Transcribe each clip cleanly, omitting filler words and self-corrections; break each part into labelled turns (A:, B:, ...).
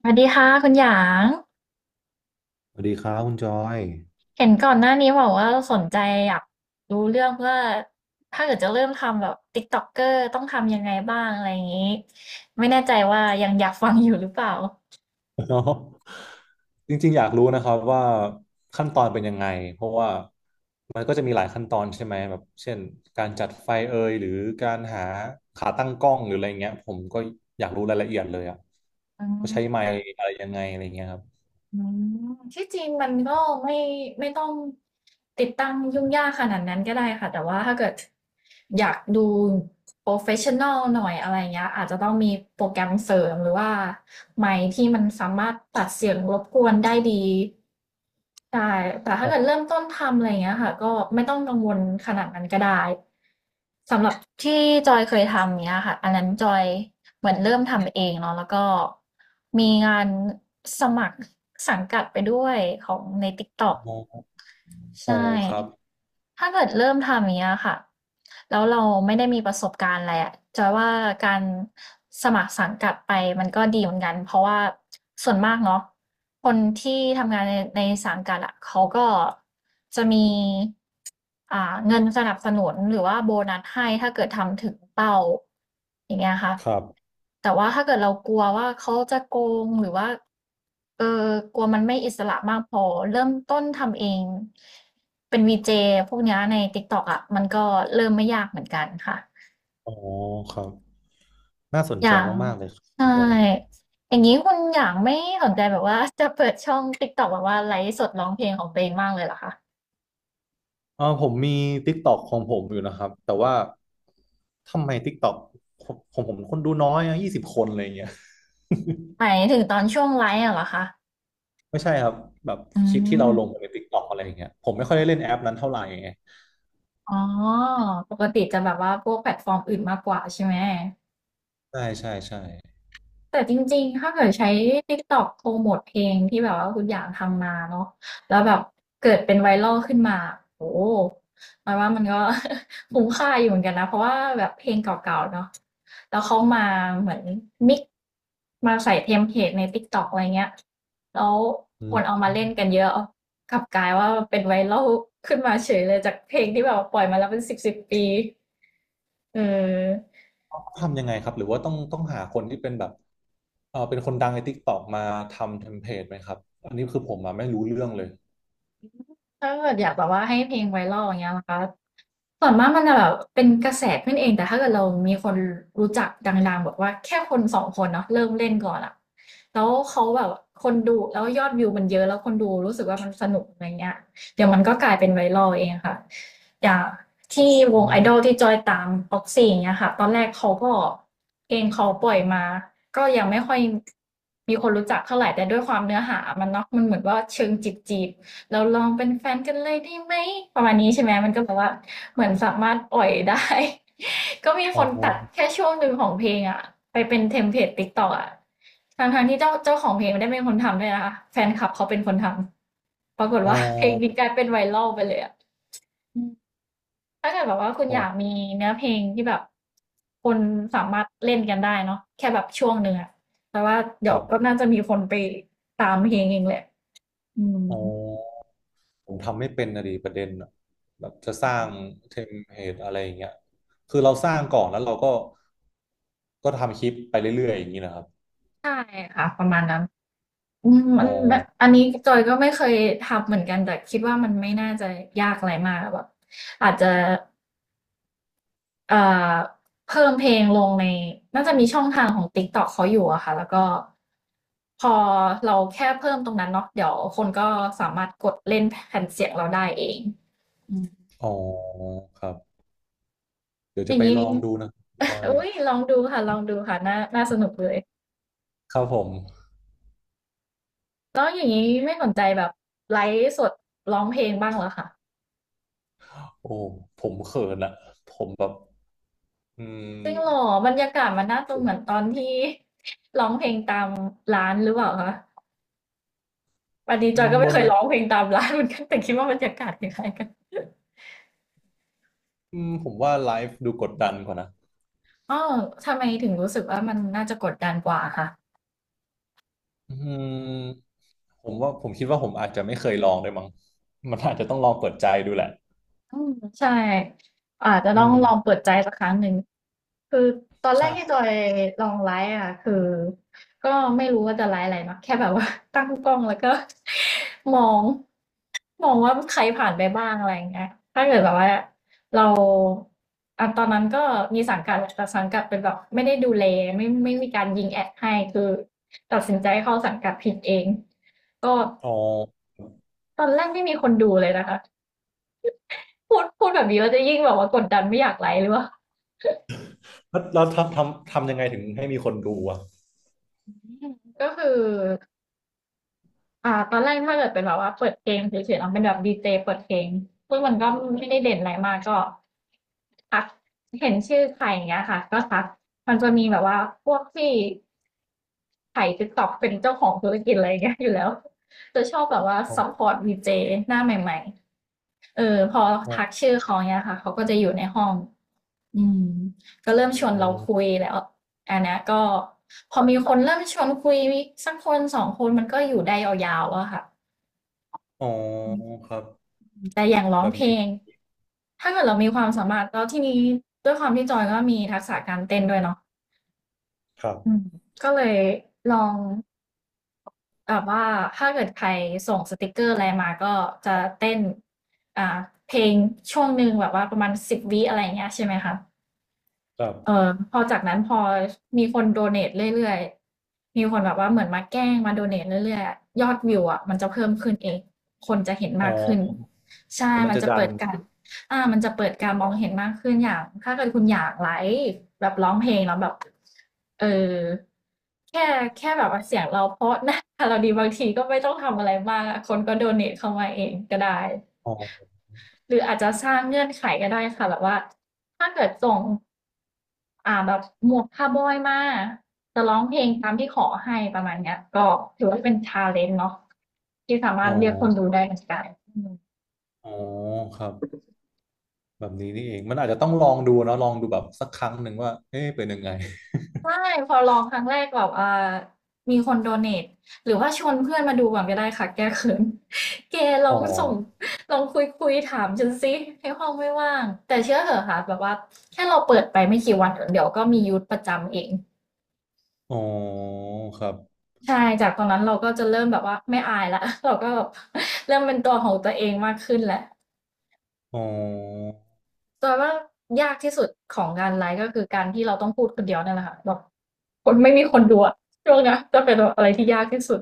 A: สวัสดีค่ะคุณหยาง
B: สวัสดีครับคุณจอย
A: เห็นก่อนหน้านี้บอกว่าสนใจอยากรู้เรื่องว่าถ้าเกิดจะเริ่มทำแบบติ๊กต็อกเกอร์ต้องทำยังไงบ้างอะไรอย่างนี้ไม่แน่ใจว่ายังอยากฟังอยู่หรือเปล่า
B: เนาะจริงๆอยากรู้นะครับว่าขั้นตอนเป็นยังไงเพราะว่ามันก็จะมีหลายขั้นตอนใช่ไหมแบบเช่นการจัดไฟเอยหรือการหาขาตั้งกล้องหรืออะไรเงี้ยผมก็อยากรู้รายละเอียดเลยอ่ะ
A: อื
B: ว่า
A: ม
B: ใช้ไมค์อะไรยังไงอะไรเงี้ยครับ
A: อืมที่จริงมันก็ไม่ไม่ต้องติดตั้งยุ่งยากขนาดนั้นก็ได้ค่ะแต่ว่าถ้าเกิดอยากดูโปรเฟชชั่นอลหน่อยอะไรเงี้ยอาจจะต้องมีโปรแกรมเสริมหรือว่าไมค์ที่มันสามารถตัดเสียงรบกวนได้ดีใช่แต่ถ้าเกิดเริ่มต้นทำอะไรเงี้ยค่ะก็ไม่ต้องกังวลขนาดนั้นก็ได้สำหรับที่จอยเคยทำเนี้ยค่ะอันนั้นจอย เหมือนเริ่มทำเองเนาะแล้วก็มีงานสมัครสังกัดไปด้วยของใน t ิกตอก
B: อ๋อ
A: ใช
B: อ๋อครับ
A: ่ ถ้าเกิดเริ่มทำอย่างเงี้ยค่ะแล้วเราไม่ได้มีประสบการณ์อะไรอะจอยว่าการสมัครสังกัดไปมันก็ดีเหมือนกันเพราะว่าส่วนมากเนาะ คนที่ทำงานในสังกัดอะเขาก็จะมีเงินสนับสนุนหรือว่าโบนัสให้ถ้าเกิดทำถึงเป้าอย่างเงี้ยค่ะ
B: ครับ
A: แต่ว่าถ้าเกิดเรากลัวว่าเขาจะโกงหรือว่า เออกลัวมันไม่อิสระมากพอเริ่มต้นทำเองเป็นวีเจพวกเนี้ยใน TikTok อะมันก็เริ่มไม่ยากเหมือนกันค่ะ
B: อ๋อครับน่าสน
A: อ
B: ใจ
A: ย่าง
B: มากๆเลยครับ
A: ใช่
B: คุณจอย
A: อย่างงี้คุณหยางไม่สนใจแบบว่าจะเปิดช่อง TikTok แบบว่าไลฟ์สดร้องเพลงของตัวเองบ้างเลยเหรอคะ
B: เออผมมี TikTok ของผมอยู่นะครับแต่ว่าทำไม TikTok องผมคนดูน้อยอะ20 คนอะไรอย่างเงี้ย
A: หมายถึงตอนช่วงไลฟ์อะเหรอคะ
B: ไม่ใช่ครับแบบ
A: อื
B: คลิปที่เราลง
A: ม
B: ใน TikTok อะไรอย่างเงี้ยผมไม่ค่อยได้เล่นแอปนั้นเท่าไหร่ไง
A: อ๋อปกติจะแบบว่าพวกแพลตฟอร์มอื่นมากกว่าใช่ไหม
B: ใช่ใช่ใช่
A: แต่จริงๆ ถ้าเกิดใช้ TikTok โปรโมทเพลงที่แบบว่าคุณอยากทำมาเนาะแล้วแบบเกิดเป็นไวรัลขึ้นมาโอ้โห หมายว่ามันก็ คุ้มค่าอยู่เหมือนกันนะเพราะว่าแบบเพลงเก่าๆเนาะแล้วเขามาเหมือนมิกซ์มาใส่เทมเพลตใน TikTok อะไรเงี้ยแล้ว
B: อื
A: คนเอา
B: ม
A: มาเล่นกันเยอะกลับกลายว่าเป็นไวรัลขึ้นมาเฉยเลยจากเพลงที่แบบว่าปล่อยมาแล้วเป็นสิบสิบปีเออ
B: ต้องทำยังไงครับหรือว่าต้องหาคนที่เป็นแบบเออเป็นคนดังใน TikTok มาทำเทมเพลตไหมครับอันนี้คือผมอะไม่รู้เรื่องเลย
A: ถ้าเกิดอยากแบบว่าให้เพลงไวรัลอย่างเงี้ยนะคะ ส่วนมากมันจะแบบเป็นกระแสขึ้นเองแต่ถ้าเกิดเรามีคนรู้จักดังๆบอกว่าแค่คนสองคนเนาะเริ่มเล่นก่อนอะแล้วเขาแบบคนดูแล้วยอดวิวมันเยอะแล้วคนดูรู้สึกว่ามันสนุกอะไรเงี้ยเดี๋ยวมันก็กลายเป็นไวรัลเองค่ะอย่างที่ว
B: อ
A: งไอด
B: ม
A: อลที่จอยตามออกซี่างเงี้ยค่ะตอนแรกเขาก็เพลงเขาปล่อยมาก็ยังไม่ค่อยมีคนรู้จักเท่าไหร่แต่ด้วยความเนื้อหามันเนาะมันเหมือนว่าเชิงจีบจีบ เราลองเป็นแฟนกันเลยได้ไหมประมาณนี้ใช่ไหมมันก็แบบว่าเหมือนสามารถปล่อยได้ ก็มีค
B: อ๋อ
A: นตัดแค่ช่วงหนึ่งของเพลงอะไปเป็นเทมเพลตติ๊กต็อกอะทางๆที่เจ้าของเพลงไม่ได้เป็นคนทำด้วยนะคะแฟนคลับเขาเป็นคนทำปรากฏ
B: อ๋
A: ว่า เพลงนี้ก
B: อ
A: ลายเป็นไวรัลไปเลยอะอืมถ้าเกิดแบบว่าคุณ
B: อ๋อ
A: อยากมีเนื้อเพลงที่แบบคนสามารถเล่นกันได้เนาะแค่แบบช่วงหนึ่งอะแต่ว่าเดี๋
B: ค
A: ยว
B: รั
A: ก็
B: บ
A: น่าจะมีคนไปตามเพลงเองแหละอืม
B: อ๋อ ผมทำไม่เป็นนะดีประเด็นอะแบบจะสร้างเทมเพลตอะไรอย่างเงี้ยคือเราสร้างก่อนแล้วเราก็ก็ทำคลิปไปเรื่อยๆอย่างนี้นะครับ
A: ใช่ค่ะประมาณนั้น อืม
B: อ๋
A: อั
B: อ
A: นแบบอันนี้จอยก็ไม่เคยทำเหมือนกันแต่คิดว่ามันไม่น่าจะยากอะไรมากแบบอาจจะเอ่อเพิ่มเพลงลงในน่าจะมีช่องทางของ TikTok เขาอยู่อะค่ะแล้วก็พอเราแค่เพิ่มตรงนั้นเนาะเดี๋ยวคนก็สามารถกดเล่นแผ่นเสียงเราได้เองอืม
B: อ๋อครับเดี๋ยว
A: อ
B: จะ
A: ย่าง
B: ไป
A: นี้
B: ลองดูนะพน่จอย
A: อุ้ยลองดูค่ะลองดูค่ะน่าน่าสนุกเลย
B: ครับผม
A: แล้วอย่างนี้ไม่สนใจแบบไลฟ์สดร้องเพลงบ้างเหรอคะ
B: โอ้ผมเขินอะผมแบบอื
A: จริงเหรอ
B: ม
A: บรรยากาศมันน่าจะเหมือนตอนที่ ร้องเพลงตามร้านหรือเปล่าคะวันนี้
B: อื
A: จอย
B: ม
A: ก็
B: บ
A: ไม่
B: น
A: เคย
B: เว
A: ร้องเพลงตามร้านเหมือนกัน แต่คิดว่าบรรยากาศคล้ายๆกัน
B: อืมผมว่าไลฟ์ดูกดดันกว่านะ
A: อ๋อทำไมถึงรู้สึกว่ามันน่าจะกดดันกว่าค่ะ
B: อืมผมว่าผมคิดว่าผมอาจจะไม่เคยลองด้วยมั้งมันอาจจะต้องลองเปิดใจดูแหละ
A: อืมใช่อาจจะ
B: อื
A: ต้อง
B: ม
A: ลองเปิดใจสักครั้งหนึ่ง คือตอนแรกที่
B: ใช่
A: จอยลองไลฟ์อ่ะคือก็ไม่รู้ว่าจะไลฟ์อะไรเนาะแค่แบบว่า ตั้งกล้องแล้วก็ มองว่าใครผ่านไปบ้างอะไรอย่างเงี้ยถ้าเกิดแบบว่าเราอ่ะตอนนั้นก็มีสังกัดแหละแต่สังกัดเป็นแบบไม่ได้ดูแลไม่มีการยิงแอดให้คือตัดสินใจเข้าสังกัดผิดเองก็
B: อ๋อ
A: ตอนแรกไม่มีคนดูเลยนะคะพูดแบบนี้เราจะยิ่งแบบว่ากดดันไม่อยากไลฟ์หรือว่า
B: แล้วทำยังไงถึงให้มีคนดูอ่ะ
A: ก็คือ ตอนแรกถ้าเกิดเป็นแบบว่าเปิดเพลงเฉยๆเราเป็นแบบดีเจเปิดเพลงซึ่งมันก็ไม่ได้เด่นอะไรมากก็ทักเห็นชื่อใครอย่างเงี้ยค่ะก็ทักมันจะมีแบบว่าพวกที่ถ่ายติ๊กต็อกเป็นเจ้าของธุรกิจอะไรอย่างเงี้ยอยู่แล้วจะชอบแบบว่า
B: อ๋อ
A: ซัพพอร์ตดีเจหน้าใหม่ๆเออพอ
B: อ๋อ
A: ทักชื่อเขาเนี่ยค่ะเขาก็จะอยู่ในห้องอืมก็
B: อ๋อ
A: เริ่มชวนเราคุยแล้วอันเนี้ยก็พอมีคนเริ่มชวนคุยสักคนสองคนมันก็อยู่ได้ยาวๆอะค่ะ
B: อ๋อครับ
A: แต่อย่างร้อ
B: แบ
A: ง
B: บ
A: เพล
B: นี้
A: งถ้าเกิดเรามีความสามารถแล้วทีนี้ด้วยความที่จอยก็มีทักษะการเต้นด้วยเนาะ
B: ครั
A: อืม
B: บ
A: ก็เลยลองแบบว่าถ้าเกิดใครส่งสติกเกอร์อะไรมาก็จะเต้นอ่าเพลงช่วงหนึ่งแบบว่าประมาณ10วิอะไรอย่างเงี้ยใช่ไหมคะ
B: ครั
A: เออ
B: บ
A: พอจากนั้นพอมีคนโดเนทเรื่อยๆมีคนแบบว่าเหมือนมาแกล้งมาโดเนทเรื่อยๆยอดวิวอะมันจะเพิ่มขึ้นเองคนจะเห็น
B: อ๋
A: มา
B: อ
A: กขึ้นใช่
B: แล้วมัน
A: มัน
B: จะ
A: จะ
B: ดั
A: เปิ
B: น
A: ดการมันจะเปิดการมองเห็นมากขึ้นอย่างถ้าเกิดคุณอยากไลฟ์แบบร้องเพลงแล้วแบบเออแค่แค่แบบว่าเสียงเราเพราะนะเราดีบางทีก็ไม่ต้องทำอะไรมากคนก็โดเนทเข้ามาเองก็ได้
B: อ๋อ
A: หรืออาจจะสร้างเงื่อนไขก็ได้ค่ะแบบว่าถ้าเกิดส่ง แบบหมวกคาวบอยมาจะร้องเพลงตามที่ขอให้ประมาณเนี้ยก็ถือว่าเป็นชาเลนจ์เนาะที่สามาร
B: อ๋อ
A: ถเรียกคนดูได้เหมือนกันอืม
B: อ๋อครับแบบนี้นี่เองมันอาจจะต้องลองดูเนอะลองดูแบบสักครั้งหนึ่งว่าเอ๊ะเป็นยังไง
A: ใช่พอลองครั้งแรกแบบอ่อมีคนโดเนทหรือว่าชวนเพื่อนมาดูก่อนก็ได้ค่ะแก้เขิน แกลอ
B: อ๋อ
A: งส่งลองคุยถามฉันสิให้ห้องไม่ว่างแต่เชื่อเถอะค่ะแบบว่าแค่เราเปิดไปไม่กี่วันเดี๋ยวก็มียูทประจำเอง
B: อ๋อครับ
A: ใช่จากตอนนั้นเราก็จะเริ่มแบบว่าไม่อายแล้ว เราก็แบบ เริ่มเป็นตัวของตัวเองมากขึ้นแหละ
B: อ๋อ
A: แต่ว่ายากที่สุดของงานไลฟ์ก็คือการที่เราต้องพูดคนเดียวนั่นแหละค่ะแบบคนไม่มีคนดูอะช่วงเนี้ยจะเป็นแบบอะไรที่ยากที่สุด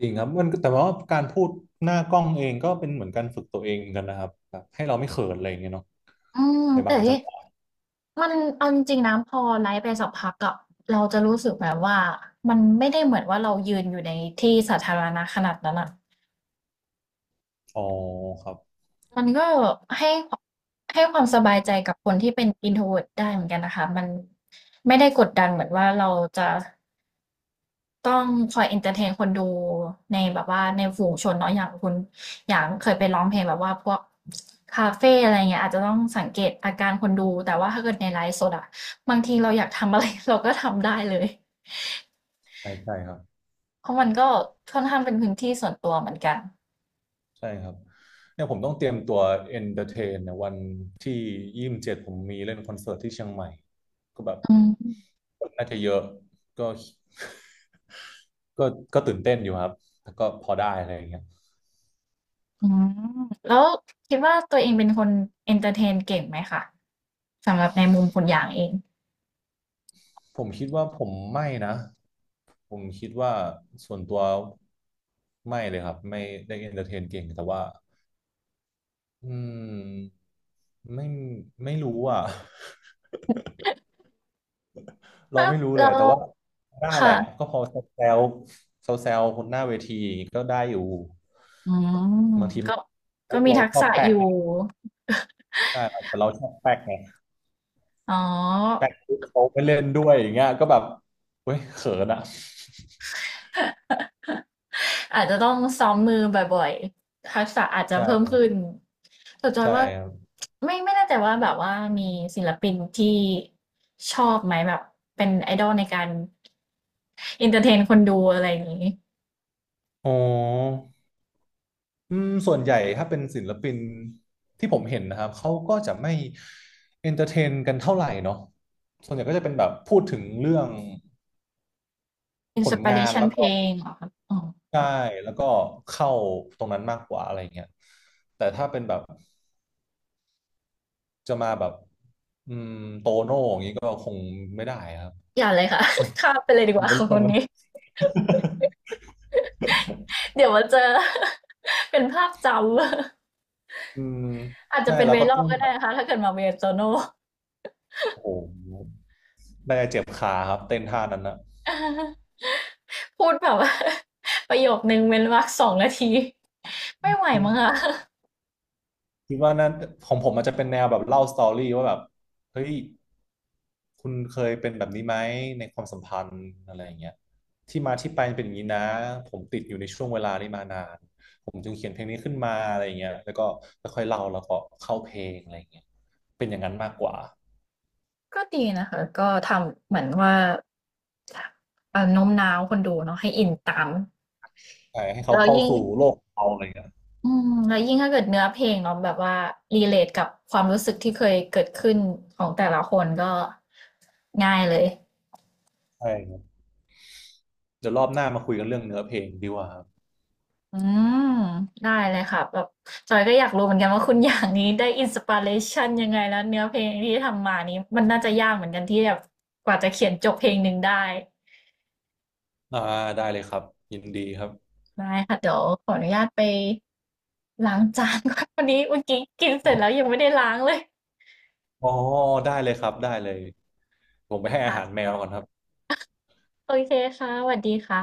B: จริงครับมันแต่ว่าการพูดหน้ากล้องเองก็เป็นเหมือนการฝึกตัวเองเหมือนกันนะครับแบบให้เราไม่เขินอะไรอย่างเงี้ยเนาะ
A: อืม
B: ใน
A: แต่
B: บางจั
A: ที่
B: งหวะ
A: มันเอาจริงๆนะพอไลฟ์ไปสักพักอะเราจะรู้สึกแบบว่ามันไม่ได้เหมือนว่าเรายืนอยู่ในที่สาธารณะขนาดนั้นอะ
B: อ๋อครับ
A: มันก็ให้ความให้ความสบายใจกับคนที่เป็น introvert ได้เหมือนกันนะคะมันไม่ได้กดดันเหมือนว่าเราจะต้องคอย entertain คนดูในแบบว่าในฝูงชนเนาะอย่างคุณอย่างเคยไปร้องเพลงแบบว่าพวกคาเฟ่อะไรเงี้ยอาจจะต้องสังเกตอาการคนดูแต่ว่าถ้าเกิดในไลฟ์สดอะบางทีเราอยากทำอะไร เราก็ทำได้เลย
B: ใช่ใช่ครับ
A: เพราะมันก็ค่อนข้างเป็นพื้นที่ส่วนตัวเหมือนกัน
B: ใช่ครับเนี่ยผมต้องเตรียมตัวเอนเตอร์เทนเนี่ยวันที่27ผมมีเล่นคอนเสิร์ตที่เชียงใหม่ก็แบบ
A: อืม
B: คนน่าจะเยอะก็ ก็ก็ตื่นเต้นอยู่ครับแต่ก็พอได้อะไรอย่างเงี้ย
A: อืมแล้วคิดว่าตัวเองเป็นคนเอนเตอร์เทนเก่งไหมคะสำหรับในมุมคุณอยางเอง
B: ผมคิดว่าผมไม่นะผมคิดว่าส่วนตัวไม่เลยครับไม่ได้เอนเตอร์เทนเก่งแต่ว่าอืมไม่ไม่รู้อ่ะ เรา
A: ฮะ
B: ไม่รู้เลย
A: แล้
B: แต่
A: ว
B: ว่าได้แหละ
A: ค่ะ
B: ก็พอแซวแซวคนหน้าเวทีก็ได้อยู่
A: อืม
B: บางทีมั
A: ก็
B: น
A: ก็
B: มุก
A: มี
B: เรา
A: ทัก
B: ชอ
A: ษะ
B: บแปล
A: อ
B: ก
A: ยู่
B: ไงใช่แต่เราชอบแปลกไง
A: อ๋อ
B: แปลกปุ๊บเขาไปเล่นด้วยอย่างเงี้ยก็แบบเว้ยเขินอะ
A: อาจจะต้องซ้อมมือบ่อยๆทักษะอาจจะเพิ่ม
B: ใช่
A: ขึ้นแต่จอย
B: ใช่
A: ว่า
B: ครับ
A: ไม่แน่ใจว่าแบบว่ามีศิลปินที่ชอบไหมแบบเป็นไอดอลในการเอนเตอร์เทนคนดูอะไรอย่างนี้
B: อ๋ออืมส่วนใหญ่ถ้าเป็นศิลปินที่ผมเห็นนะครับเขาก็จะไม่เอนเตอร์เทนกันเท่าไหร่เนาะส่วนใหญ่ก็จะเป็นแบบพูดถึงเรื่อง
A: อิน
B: ผ
A: ส
B: ล
A: ปิ
B: งา
A: เร
B: น
A: ชัน
B: แล้ว
A: เพ
B: ก็
A: ลงเหรอครับ
B: ใช่แล้วก็เข้าตรงนั้นมากกว่าอะไรเงี้ยแต่ถ้าเป็นแบบจะมาแบบอืมโตโน่อย่างนี้ก็คงไม่ได้ครับ
A: อย่าเลยค่ะ
B: เว้ย
A: ข้ามไปเลยดี
B: ผ
A: กว่า
B: มัน
A: ค่ะ
B: เรื
A: ค
B: อง
A: น
B: แล้
A: นี้ เดี๋ยวมาเจอ เป็นภาพจำ
B: อืม
A: อาจจะ
B: ใช่
A: เป็น
B: เรา
A: v ว
B: ก็
A: รัล a
B: ต้
A: l
B: อง
A: ก็
B: แบ
A: ได้
B: บ
A: นะคะ ถ้าเกิดมาเวียโตโน่
B: โอ้โหได้เจ็บขาครับเต้นท่านั้นนะ
A: พูดแบบว่า ประโยคนึงเว้นวรรคสองนาที ไม่ไหวมั้งคะ
B: คิดว่านั้นของผมมันจะเป็นแนวแบบเล่าสตอรี่ว่าแบบเฮ้ยคุณเคยเป็นแบบนี้ไหมในความสัมพันธ์อะไรอย่างเงี้ยที่มาที่ไปเป็นอย่างนี้นะผมติดอยู่ในช่วงเวลานี้มานานผมจึงเขียนเพลงนี้ขึ้นมาอะไรอย่างเงี้ยแล้วก็ค่อยๆเล่าแล้วก็เข้าเพลงอะไรอย่างเงี้ยเป็นอย่างนั้นมากกว่า
A: ก็ดีนะคะ ก็ทำเหมือนว่าโน้มน้าวคนดูเนาะให้อินตาม
B: ใช่ให้เขา
A: แล้ว
B: เข้า
A: ยิ่ง
B: สู่โลกเราอะไรอย่างเงี้ย
A: อืมแล้วยิ่งถ้าเกิดเนื้อเพลงเนาะแบบว่ารีเลทกับความรู้สึกที่เคยเกิดขึ้นของแต่ละคนก็ง่ายเลย
B: ใช่ครับเดี๋ยวรอบหน้ามาคุยกันเรื่องเนื้อเพลงดีกว่าครับ
A: อืมได้เลยค่ะแบบจอยก็อยากรู้เหมือนกันว่าคุณอย่างนี้ได้อินสปิเรชันยังไงแล้วเนื้อเพลงที่ทำมานี้มันน่าจะยากเหมือนกันที่แบบกว่าจะเขียนจบเพลงหนึ่งได้
B: อ่าได้เลยครับยินดีครับ
A: ได้ค่ะเดี๋ยวขออนุญาตไปล้างจานก่อนวันนี้เมื่อกี้กินเสร็จแล้วยังไม่ได้ล้างเลย
B: อ๋อได้เลยครับได้เลยผมไปให้อาหารแม
A: ค่ะ
B: วก่อนครับ
A: โอเคค่ะสวัสดีค่ะ